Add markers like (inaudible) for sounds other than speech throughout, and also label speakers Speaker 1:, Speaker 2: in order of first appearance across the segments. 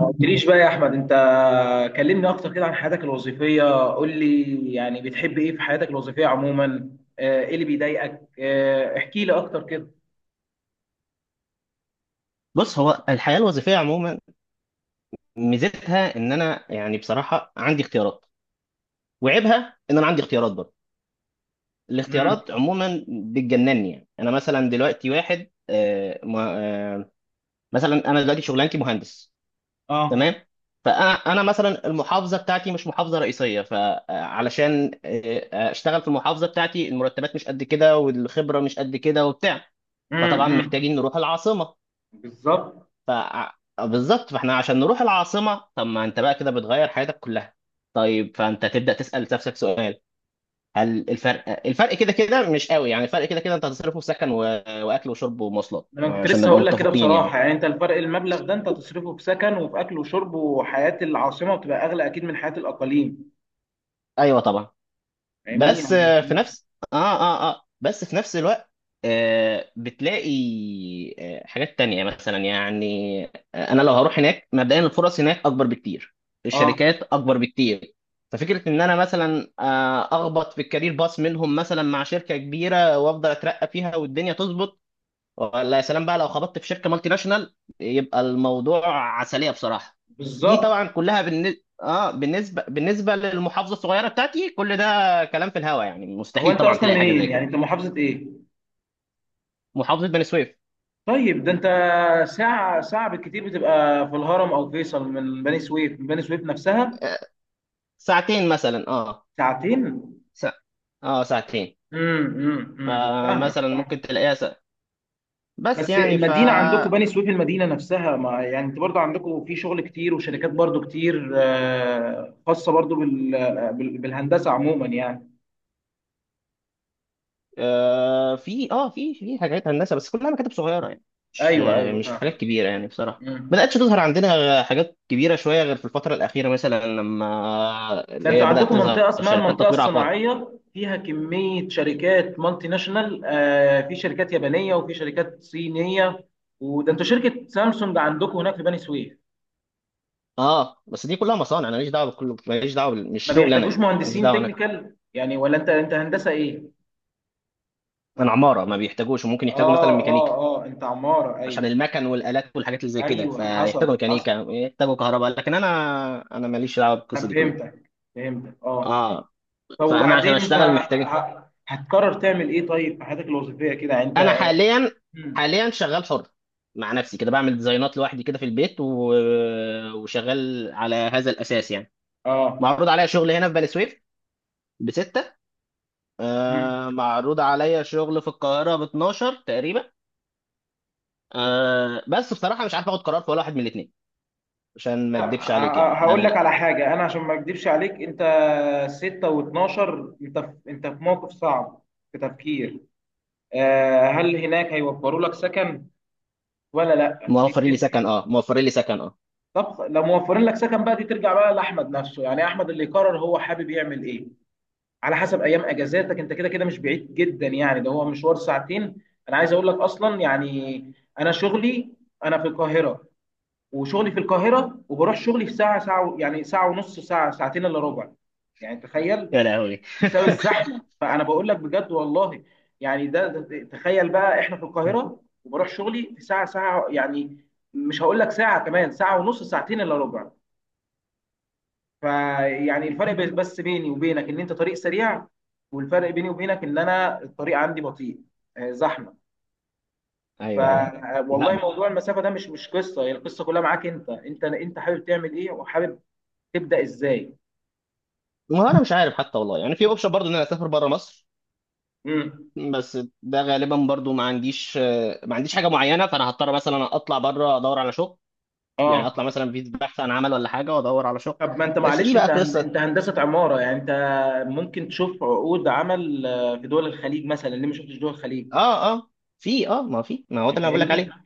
Speaker 1: ما قلتليش بقى يا احمد، انت كلمني اكتر كده عن حياتك الوظيفيه. قول لي يعني بتحب ايه في حياتك الوظيفيه عموما؟ ايه اللي بيضايقك؟ احكي لي اكتر كده.
Speaker 2: بص، هو الحياة الوظيفية عموما ميزتها ان انا يعني بصراحة عندي اختيارات، وعيبها ان انا عندي اختيارات برضه.
Speaker 1: امم
Speaker 2: الاختيارات عموما بتجنني، يعني انا مثلا دلوقتي واحد آه، مثلا انا دلوقتي شغلانتي مهندس.
Speaker 1: اه.
Speaker 2: تمام. فانا مثلا المحافظة بتاعتي مش محافظة رئيسية، فعلشان اشتغل في المحافظة بتاعتي المرتبات مش قد كده والخبرة مش قد كده وبتاع. فطبعا
Speaker 1: أمم.
Speaker 2: محتاجين نروح العاصمة.
Speaker 1: بالظبط.
Speaker 2: ف آه، بالظبط، فاحنا عشان نروح العاصمة، طب ما انت بقى كده بتغير حياتك كلها. طيب، فانت تبدأ تسأل نفسك سؤال: هل الفرق كده كده مش قوي؟ يعني الفرق كده كده انت هتصرفه في واكل وشرب ومواصلات،
Speaker 1: انا كنت
Speaker 2: عشان
Speaker 1: لسه
Speaker 2: نبقى
Speaker 1: هقول لك كده
Speaker 2: متفقين يعني.
Speaker 1: بصراحه، يعني انت الفرق، المبلغ ده انت تصرفه في سكن وفي اكل وشرب، وحياه العاصمه بتبقى اغلى اكيد من حياه الاقاليم.
Speaker 2: ايوه طبعا.
Speaker 1: فاهمني
Speaker 2: بس
Speaker 1: يعني.
Speaker 2: آه، في نفس اه اه اه بس في نفس الوقت بتلاقي حاجات تانية مثلا يعني. انا لو هروح هناك مبدئيا الفرص هناك اكبر بكتير،
Speaker 1: اه
Speaker 2: الشركات اكبر بكتير. ففكرة ان انا مثلا اخبط في الكارير باص منهم مثلا مع شركة كبيرة وافضل اترقى فيها والدنيا تظبط. ولا يا سلام بقى لو خبطت في شركه مالتي ناشونال، يبقى الموضوع عسليه بصراحه. دي
Speaker 1: بالظبط.
Speaker 2: طبعا كلها بالن... اه بالنسبه للمحافظه الصغيره بتاعتي، كل ده كلام في الهوا يعني،
Speaker 1: هو
Speaker 2: مستحيل
Speaker 1: انت
Speaker 2: طبعا
Speaker 1: اصلا
Speaker 2: تلاقي حاجه
Speaker 1: منين؟
Speaker 2: زي كده.
Speaker 1: يعني انت محافظه ايه؟
Speaker 2: محافظه بني سويف.
Speaker 1: طيب ده انت ساعة، ساعة بالكتير بتبقى في الهرم او فيصل، من بني سويف، من بني سويف نفسها.
Speaker 2: آه، ساعتين مثلا، اه.
Speaker 1: ساعتين؟
Speaker 2: سا... اه ساعتين.
Speaker 1: فاهمك
Speaker 2: فمثلا
Speaker 1: فاهمك.
Speaker 2: ممكن تلاقيها سا... بس
Speaker 1: بس
Speaker 2: يعني ف
Speaker 1: المدينة عندكم بني سويف، المدينة نفسها، ما يعني انت برضو عندكم في شغل كتير وشركات برضو كتير، خاصة برضو بالهندسة عموما يعني.
Speaker 2: آه في اه في في حاجات هندسه، بس كلها مكاتب صغيره يعني. مش
Speaker 1: ايوه
Speaker 2: آه،
Speaker 1: ايوه
Speaker 2: مش حاجات
Speaker 1: فاهم.
Speaker 2: كبيره يعني. بصراحه
Speaker 1: مم.
Speaker 2: بدأتش تظهر عندنا حاجات كبيره شويه غير في الفتره الاخيره، مثلا لما
Speaker 1: ده
Speaker 2: اللي
Speaker 1: انتوا
Speaker 2: هي بدأت
Speaker 1: عندكم
Speaker 2: تظهر
Speaker 1: منطقة اسمها
Speaker 2: شركات
Speaker 1: المنطقة
Speaker 2: تطوير عقاري.
Speaker 1: الصناعية، فيها كمية شركات مالتي ناشونال، في شركات يابانية وفي شركات صينية، وده انتوا شركة سامسونج عندكم هناك في بني سويف.
Speaker 2: اه، بس دي كلها مصانع. انا ماليش دعوه بكل ماليش دعوه بال- مش
Speaker 1: ما
Speaker 2: شغل انا
Speaker 1: بيحتاجوش
Speaker 2: يعني، ماليش
Speaker 1: مهندسين
Speaker 2: دعوه انا.
Speaker 1: تكنيكال يعني؟ ولا انت، انت هندسة ايه؟
Speaker 2: انا عماره، ما بيحتاجوش، وممكن يحتاجوا مثلا
Speaker 1: اه
Speaker 2: ميكانيكا
Speaker 1: اه اه انت عمارة
Speaker 2: عشان
Speaker 1: ايوه.
Speaker 2: المكن والالات والحاجات اللي زي كده،
Speaker 1: ايوه حصل
Speaker 2: فيحتاجوا
Speaker 1: حصل.
Speaker 2: ميكانيكا، يحتاجوا كهرباء. لكن انا ماليش دعوه
Speaker 1: انا
Speaker 2: بالقصه دي كلها.
Speaker 1: فهمتك فهمتك اه.
Speaker 2: اه.
Speaker 1: طب
Speaker 2: فانا عشان
Speaker 1: وبعدين انت
Speaker 2: اشتغل محتاج.
Speaker 1: هتقرر تعمل ايه طيب في حياتك الوظيفية كده
Speaker 2: انا
Speaker 1: انت؟
Speaker 2: حاليا.
Speaker 1: مم.
Speaker 2: شغال حر، مع نفسي كده، بعمل ديزاينات لوحدي كده في وشغال على هذا الاساس يعني.
Speaker 1: اه.
Speaker 2: معروض عليا شغل هنا في بني سويف بستة.
Speaker 1: مم.
Speaker 2: معروض عليا شغل في القاهرة ب 12 تقريبا. بس بصراحة مش عارف اخد قرار في ولا واحد من الاثنين، عشان ما
Speaker 1: لا،
Speaker 2: اكدبش عليك يعني،
Speaker 1: هقول لك
Speaker 2: انا.
Speaker 1: على حاجة. أنا عشان ما أكدبش عليك، أنت ستة واتناشر، أنت في، أنت في موقف صعب، في تفكير. هل هناك هيوفروا لك سكن ولا لا؟ دي
Speaker 2: موفرين لي
Speaker 1: بتفرق.
Speaker 2: سكن، اه. موفرين لي سكن، اه.
Speaker 1: طب لو موفرين لك سكن بقى، دي ترجع بقى لأحمد نفسه، يعني أحمد اللي يقرر هو حابب يعمل إيه على حسب أيام أجازاتك. أنت كده كده مش بعيد جدا، يعني ده هو مشوار ساعتين. أنا عايز أقول لك أصلا يعني، أنا شغلي، أنا في القاهرة، وشغلي في القاهره وبروح شغلي في ساعه، ساعه يعني ساعه ونص، ساعه، ساعتين الا ربع، يعني تخيل.
Speaker 2: يا لهوي.
Speaker 1: بسبب الزحمه، فانا بقول لك بجد والله. يعني ده تخيل بقى، احنا في القاهره وبروح شغلي في ساعه، ساعه يعني. مش هقول لك ساعه، كمان ساعه ونص، ساعتين الا ربع. فيعني الفرق بس بيني وبينك ان انت طريق سريع، والفرق بيني وبينك ان انا الطريق عندي بطيء، زحمه. ف
Speaker 2: ايوه، ايوه. لا
Speaker 1: والله
Speaker 2: بس.
Speaker 1: موضوع المسافه ده مش، مش قصه. هي القصه كلها معاك انت، انت حابب تعمل ايه وحابب تبدا ازاي.
Speaker 2: ما انا مش عارف حتى، والله يعني. في اوبشن برضه ان انا اسافر بره مصر.
Speaker 1: امم
Speaker 2: بس ده غالبا برضو ما عنديش حاجه معينه، فانا هضطر مثلا اطلع بره ادور على شغل. يعني اطلع
Speaker 1: اه.
Speaker 2: مثلا في بحث عن عمل ولا حاجه، وادور على شغل.
Speaker 1: طب ما انت
Speaker 2: بس دي
Speaker 1: معلش،
Speaker 2: بقى
Speaker 1: انت
Speaker 2: قصه.
Speaker 1: انت هندسه عماره، يعني انت ممكن تشوف عقود عمل في دول الخليج مثلا. ليه ما شفتش دول الخليج؟
Speaker 2: اه اه في اه ما في ما هو ده
Speaker 1: يعني
Speaker 2: اللي انا بقول لك
Speaker 1: فاهمني.
Speaker 2: عليه.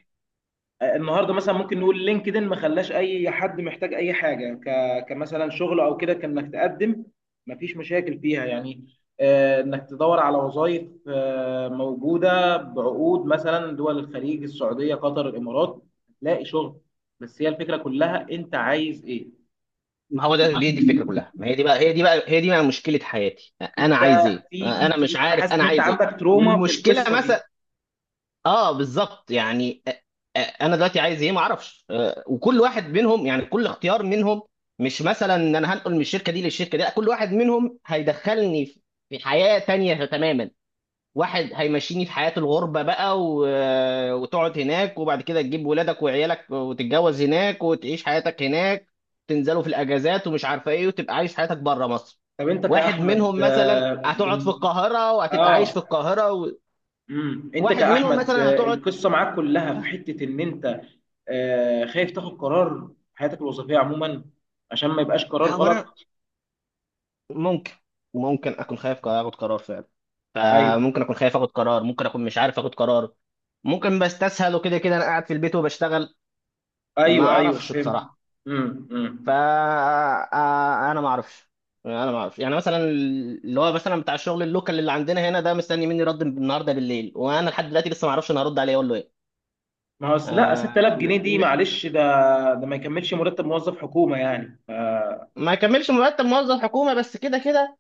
Speaker 1: النهارده مثلا ممكن نقول لينكدين، ما خلاش اي حد محتاج اي حاجه، كمثلا شغل او كده، كانك تقدم ما فيش مشاكل فيها يعني. انك تدور على وظائف موجوده بعقود، مثلا دول الخليج، السعوديه، قطر، الامارات، هتلاقي شغل. بس هي الفكره كلها، انت عايز ايه؟
Speaker 2: ما هو ده دي الفكره كلها، ما هي دي بقى مشكله حياتي. انا
Speaker 1: انت
Speaker 2: عايز ايه؟
Speaker 1: في في
Speaker 2: انا مش
Speaker 1: انا
Speaker 2: عارف
Speaker 1: حاسس ان
Speaker 2: انا
Speaker 1: انت
Speaker 2: عايز ايه.
Speaker 1: عندك تروما في
Speaker 2: والمشكله
Speaker 1: القصه دي.
Speaker 2: مثلا، اه بالظبط يعني. انا دلوقتي عايز ايه؟ ما اعرفش. وكل واحد منهم، يعني كل اختيار منهم مش مثلا ان انا هنقل من الشركه دي للشركه دي، لا كل واحد منهم هيدخلني في حياه تانية تماما. واحد هيمشيني في حياه الغربه بقى و... آه، وتقعد هناك، وبعد كده تجيب ولادك وعيالك وتتجوز هناك، وتعيش حياتك هناك، تنزلوا في الاجازات ومش عارفه ايه، وتبقى عايش حياتك بره مصر.
Speaker 1: طب انت
Speaker 2: واحد
Speaker 1: كاحمد
Speaker 2: منهم مثلا
Speaker 1: آه
Speaker 2: هتقعد في القاهره، وهتبقى عايش
Speaker 1: اه،
Speaker 2: في
Speaker 1: انت
Speaker 2: واحد منهم
Speaker 1: كاحمد
Speaker 2: مثلا
Speaker 1: آه،
Speaker 2: هتقعد.
Speaker 1: القصه معاك كلها في حته ان انت آه خايف تاخد قرار في حياتك الوظيفيه عموما، عشان ما يبقاش قرار
Speaker 2: هو انا
Speaker 1: غلط.
Speaker 2: ممكن ممكن اكون خايف اخد قرار فعلا.
Speaker 1: ايوه.
Speaker 2: فممكن اكون خايف اخد قرار، ممكن اكون مش عارف اخد قرار، ممكن بستسهل، وكده كده انا قاعد في البيت وبشتغل. ما
Speaker 1: ايوه
Speaker 2: اعرفش
Speaker 1: فهمت.
Speaker 2: بصراحه.
Speaker 1: امم امم
Speaker 2: فا آه، آه، انا ما اعرفش. يعني مثلا اللي هو مثلا بتاع الشغل اللوكال اللي عندنا هنا ده مستني مني رد النهارده بالليل، وانا لحد دلوقتي لسه ما اعرفش انا هرد عليه اقول له ايه.
Speaker 1: ما هو أصل، لا
Speaker 2: آه،
Speaker 1: 6,000 جنيه دي
Speaker 2: م-
Speaker 1: معلش، ده ما يكملش مرتب موظف حكومه يعني، آه،
Speaker 2: ما يكملش مرتب موظف حكومه. بس كده كده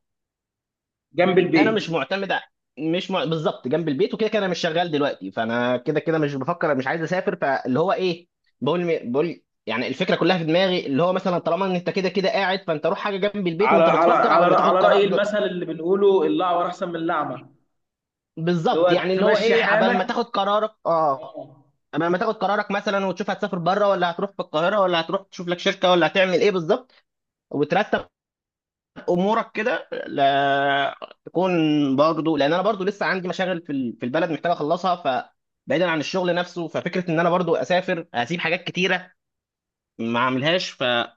Speaker 1: جنب
Speaker 2: انا مش
Speaker 1: البيت.
Speaker 2: معتمد ع- مش مع... بالظبط جنب البيت، وكده كده انا مش شغال دلوقتي، فانا كده كده مش بفكر، مش عايز اسافر. فاللي هو ايه؟ بقول يعني الفكره كلها في دماغي، اللي هو مثلا طالما ان انت كده كده قاعد، فانت روح حاجه جنب البيت
Speaker 1: على
Speaker 2: وانت بتفكر عبال ما تاخد
Speaker 1: رأي
Speaker 2: قرار.
Speaker 1: المثل اللي بنقوله، الأعور أحسن من الأعمى. اللي
Speaker 2: بالظبط
Speaker 1: هو
Speaker 2: يعني، اللي هو
Speaker 1: تمشي
Speaker 2: ايه؟
Speaker 1: حالك. آه.
Speaker 2: عبال ما تاخد قرارك مثلا، وتشوف هتسافر بره ولا هتروح في القاهره، ولا هتروح تشوف لك شركه، ولا هتعمل ايه بالظبط، وترتب امورك كده، لا تكون. برضو لان انا برضو لسه عندي مشاغل في البلد محتاج اخلصها. ف بعيدا عن الشغل نفسه، ففكره ان انا برضو اسافر هسيب حاجات كتيره ما اعملهاش، فهو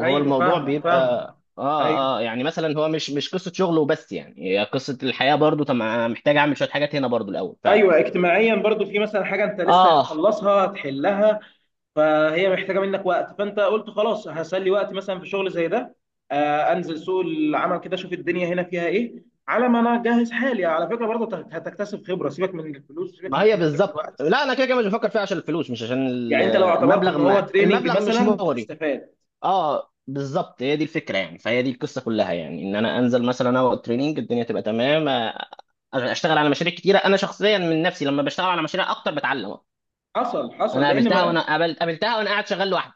Speaker 1: أيوه فاهمك
Speaker 2: بيبقى.
Speaker 1: فاهمك. أيوه
Speaker 2: اه، اه، يعني مثلا هو مش قصه شغل وبس، يعني هي قصه الحياه برضو. طب أنا محتاج اعمل شويه حاجات هنا برضو الاول. ف
Speaker 1: أيوه، اجتماعيا برضو في مثلا حاجة أنت لسه
Speaker 2: اه،
Speaker 1: هتخلصها هتحلها، فهي محتاجة منك وقت، فأنت قلت خلاص هسلي وقت مثلا في شغل زي ده. آه، أنزل سوق العمل كده، أشوف الدنيا هنا فيها إيه، على ما أنا أجهز حالي. على فكرة برضو هتكتسب خبرة. سيبك من الفلوس، سيبك
Speaker 2: ما
Speaker 1: من
Speaker 2: هي
Speaker 1: كل ده
Speaker 2: بالظبط.
Speaker 1: دلوقتي.
Speaker 2: لا انا كده كده مش بفكر فيها عشان الفلوس، مش عشان ال-
Speaker 1: يعني أنت لو اعتبرته
Speaker 2: المبلغ.
Speaker 1: إن هو
Speaker 2: ما
Speaker 1: تريننج
Speaker 2: المبلغ مش
Speaker 1: مثلا
Speaker 2: مغري.
Speaker 1: هتستفاد.
Speaker 2: اه، بالظبط هي دي الفكره يعني، فهي دي القصه كلها، يعني ان انا انزل مثلا انا والتريننج، الدنيا تبقى تمام. اشتغل على مشاريع كتيره. انا شخصيا من نفسي لما بشتغل على مشاريع اكتر بتعلم.
Speaker 1: حصل حصل.
Speaker 2: انا
Speaker 1: لأن
Speaker 2: قابلتها وانا
Speaker 1: ما
Speaker 2: قابل... قابلتها وانا قاعد شغال لوحدي.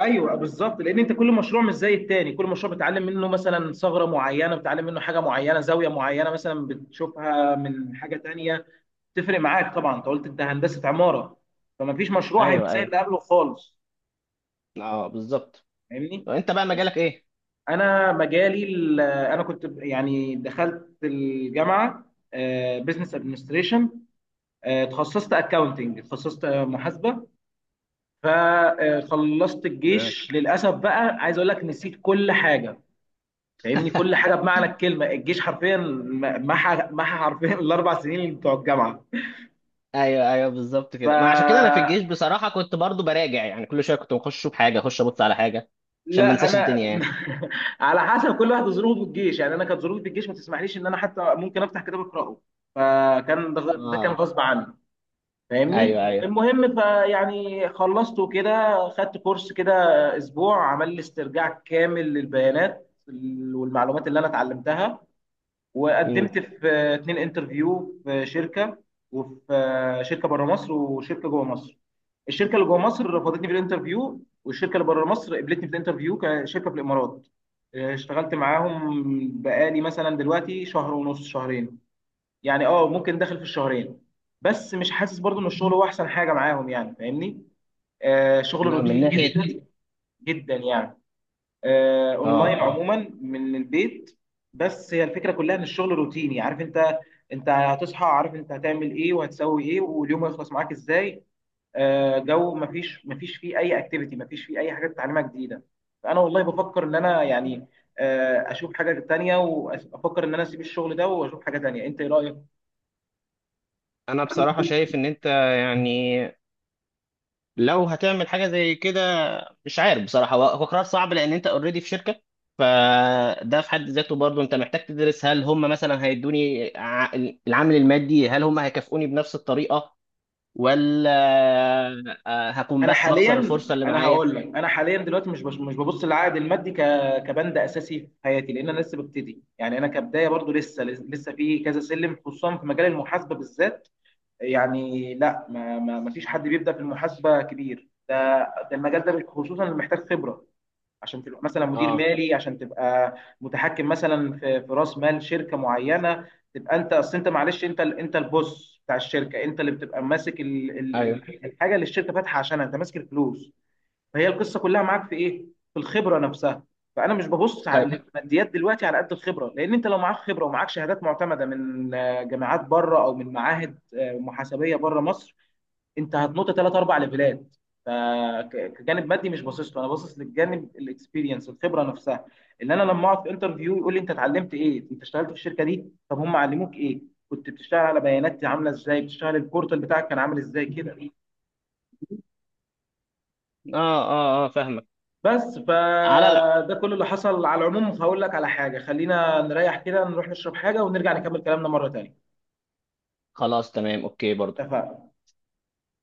Speaker 1: ايوه بالظبط، لان انت كل مشروع مش زي التاني، كل مشروع بتتعلم منه مثلا ثغره معينه، بتتعلم منه حاجه معينه، زاويه معينه مثلا بتشوفها من حاجه تانيه. تفرق معاك طبعا. انت قلت انت هندسه عماره، فما فيش مشروع هيبقى
Speaker 2: ايوه،
Speaker 1: زي
Speaker 2: ايوه،
Speaker 1: اللي قبله خالص.
Speaker 2: اه بالظبط.
Speaker 1: فاهمني.
Speaker 2: وانت بقى
Speaker 1: بس
Speaker 2: مجالك ايه؟
Speaker 1: انا مجالي انا كنت يعني دخلت الجامعه بزنس ادمنستريشن. تخصصت اكاونتنج، تخصصت محاسبه. فخلصت
Speaker 2: تمام.
Speaker 1: الجيش، للاسف بقى عايز اقول لك نسيت كل حاجه. فاهمني كل حاجه، بمعنى الكلمه الجيش حرفيا محى حرفيا الاربع سنين بتوع الجامعه.
Speaker 2: ايوه، ايوه، بالظبط
Speaker 1: ف
Speaker 2: كده. ما عشان كده انا في الجيش بصراحه كنت برضو براجع، يعني كل شويه كنت بخش بحاجه، اخش ابص على حاجه عشان ما
Speaker 1: لا
Speaker 2: انساش
Speaker 1: انا
Speaker 2: الدنيا يعني.
Speaker 1: (laughs) على حسب كل واحد ظروفه في الجيش. يعني انا كانت ظروفي في الجيش ما تسمحليش ان انا حتى ممكن افتح كتاب اقراه، فكان ده كان
Speaker 2: اه،
Speaker 1: غصب عني. فاهمني.
Speaker 2: ايوه، ايوه.
Speaker 1: المهم فيعني خلصت وكده، خدت كورس كده اسبوع، عمل لي استرجاع كامل للبيانات والمعلومات اللي انا اتعلمتها،
Speaker 2: امم
Speaker 1: وقدمت في اتنين انترفيو في شركه، وفي شركه بره مصر وشركه جوه مصر. الشركه اللي جوه مصر رفضتني في الانترفيو، والشركه اللي بره مصر قبلتني في الانترفيو كشركه في الامارات. اشتغلت معاهم بقالي مثلا دلوقتي شهر ونص، شهرين يعني، اه ممكن داخل في الشهرين. بس مش حاسس برضو ان الشغل هو احسن حاجه معاهم يعني، فاهمني. آه، شغل
Speaker 2: من
Speaker 1: روتيني
Speaker 2: ناحيه.
Speaker 1: جدا، جدا يعني. اونلاين
Speaker 2: اه،
Speaker 1: عموما من البيت. بس هي الفكره كلها ان الشغل روتيني. عارف انت، انت هتصحى عارف انت هتعمل ايه، وهتسوي ايه، واليوم هيخلص معاك ازاي. جو مفيش، مفيش فيه اي اكتيفيتي، مفيش فيه اي حاجه تتعلمها جديده. فانا والله بفكر ان انا يعني اشوف حاجه تانية، وافكر ان انا اسيب الشغل ده واشوف حاجه تانية. انت ايه رايك؟
Speaker 2: انا بصراحه شايف ان انت، يعني لو هتعمل حاجه زي كده، مش عارف بصراحه، هو قرار صعب لان انت اوريدي في شركه، فده في حد ذاته برضه انت محتاج تدرس، هل هم مثلا العامل المادي، هل هم هيكافئوني بنفس الطريقه، ولا هكون
Speaker 1: انا
Speaker 2: بس بخسر
Speaker 1: حاليا،
Speaker 2: الفرصه اللي
Speaker 1: انا
Speaker 2: معايا.
Speaker 1: هقول لك انا حاليا دلوقتي مش ببص للعائد المادي كبند اساسي في حياتي، لان انا لسه ببتدي يعني. انا كبدايه برضو لسه، لسه في كذا سلم، خصوصا في مجال المحاسبه بالذات. يعني لا، ما ما ما فيش حد بيبدا في المحاسبه كبير ده. ده المجال ده خصوصا اللي محتاج خبره، عشان تبقى مثلا مدير
Speaker 2: اه،
Speaker 1: مالي، عشان تبقى متحكم مثلا في راس مال شركه معينه. تبقى انت اصل انت معلش، انت انت البوس بتاع الشركه، انت اللي بتبقى ماسك
Speaker 2: ايوه،
Speaker 1: الحاجه اللي الشركه فاتحه عشانها، انت ماسك الفلوس. فهي القصه كلها معاك في ايه؟ في الخبره نفسها. فانا مش ببص
Speaker 2: طيب.
Speaker 1: على الماديات دلوقتي على قد الخبره، لان انت لو معاك خبره ومعاك شهادات معتمده من جامعات بره، او من معاهد محاسبيه بره مصر، انت هتنط ثلاث اربع ليفلات. فكجانب مادي مش باصص له، انا باصص للجانب الاكسبيرينس، الخبره نفسها. ان انا لما اقعد في انترفيو يقول لي انت اتعلمت ايه؟ انت اشتغلت في الشركه دي؟ طب هم علموك ايه؟ كنت بتشتغل على بيانات عامله ازاي؟ بتشتغل البورتال بتاعك كان عامل ازاي كده؟
Speaker 2: اه فاهمك.
Speaker 1: بس
Speaker 2: على لا،
Speaker 1: فده كل اللي حصل. على العموم هقول لك على حاجه، خلينا نريح كده، نروح نشرب حاجه ونرجع نكمل كلامنا مره تانيه.
Speaker 2: خلاص، تمام، اوكي برضه.
Speaker 1: اتفقنا.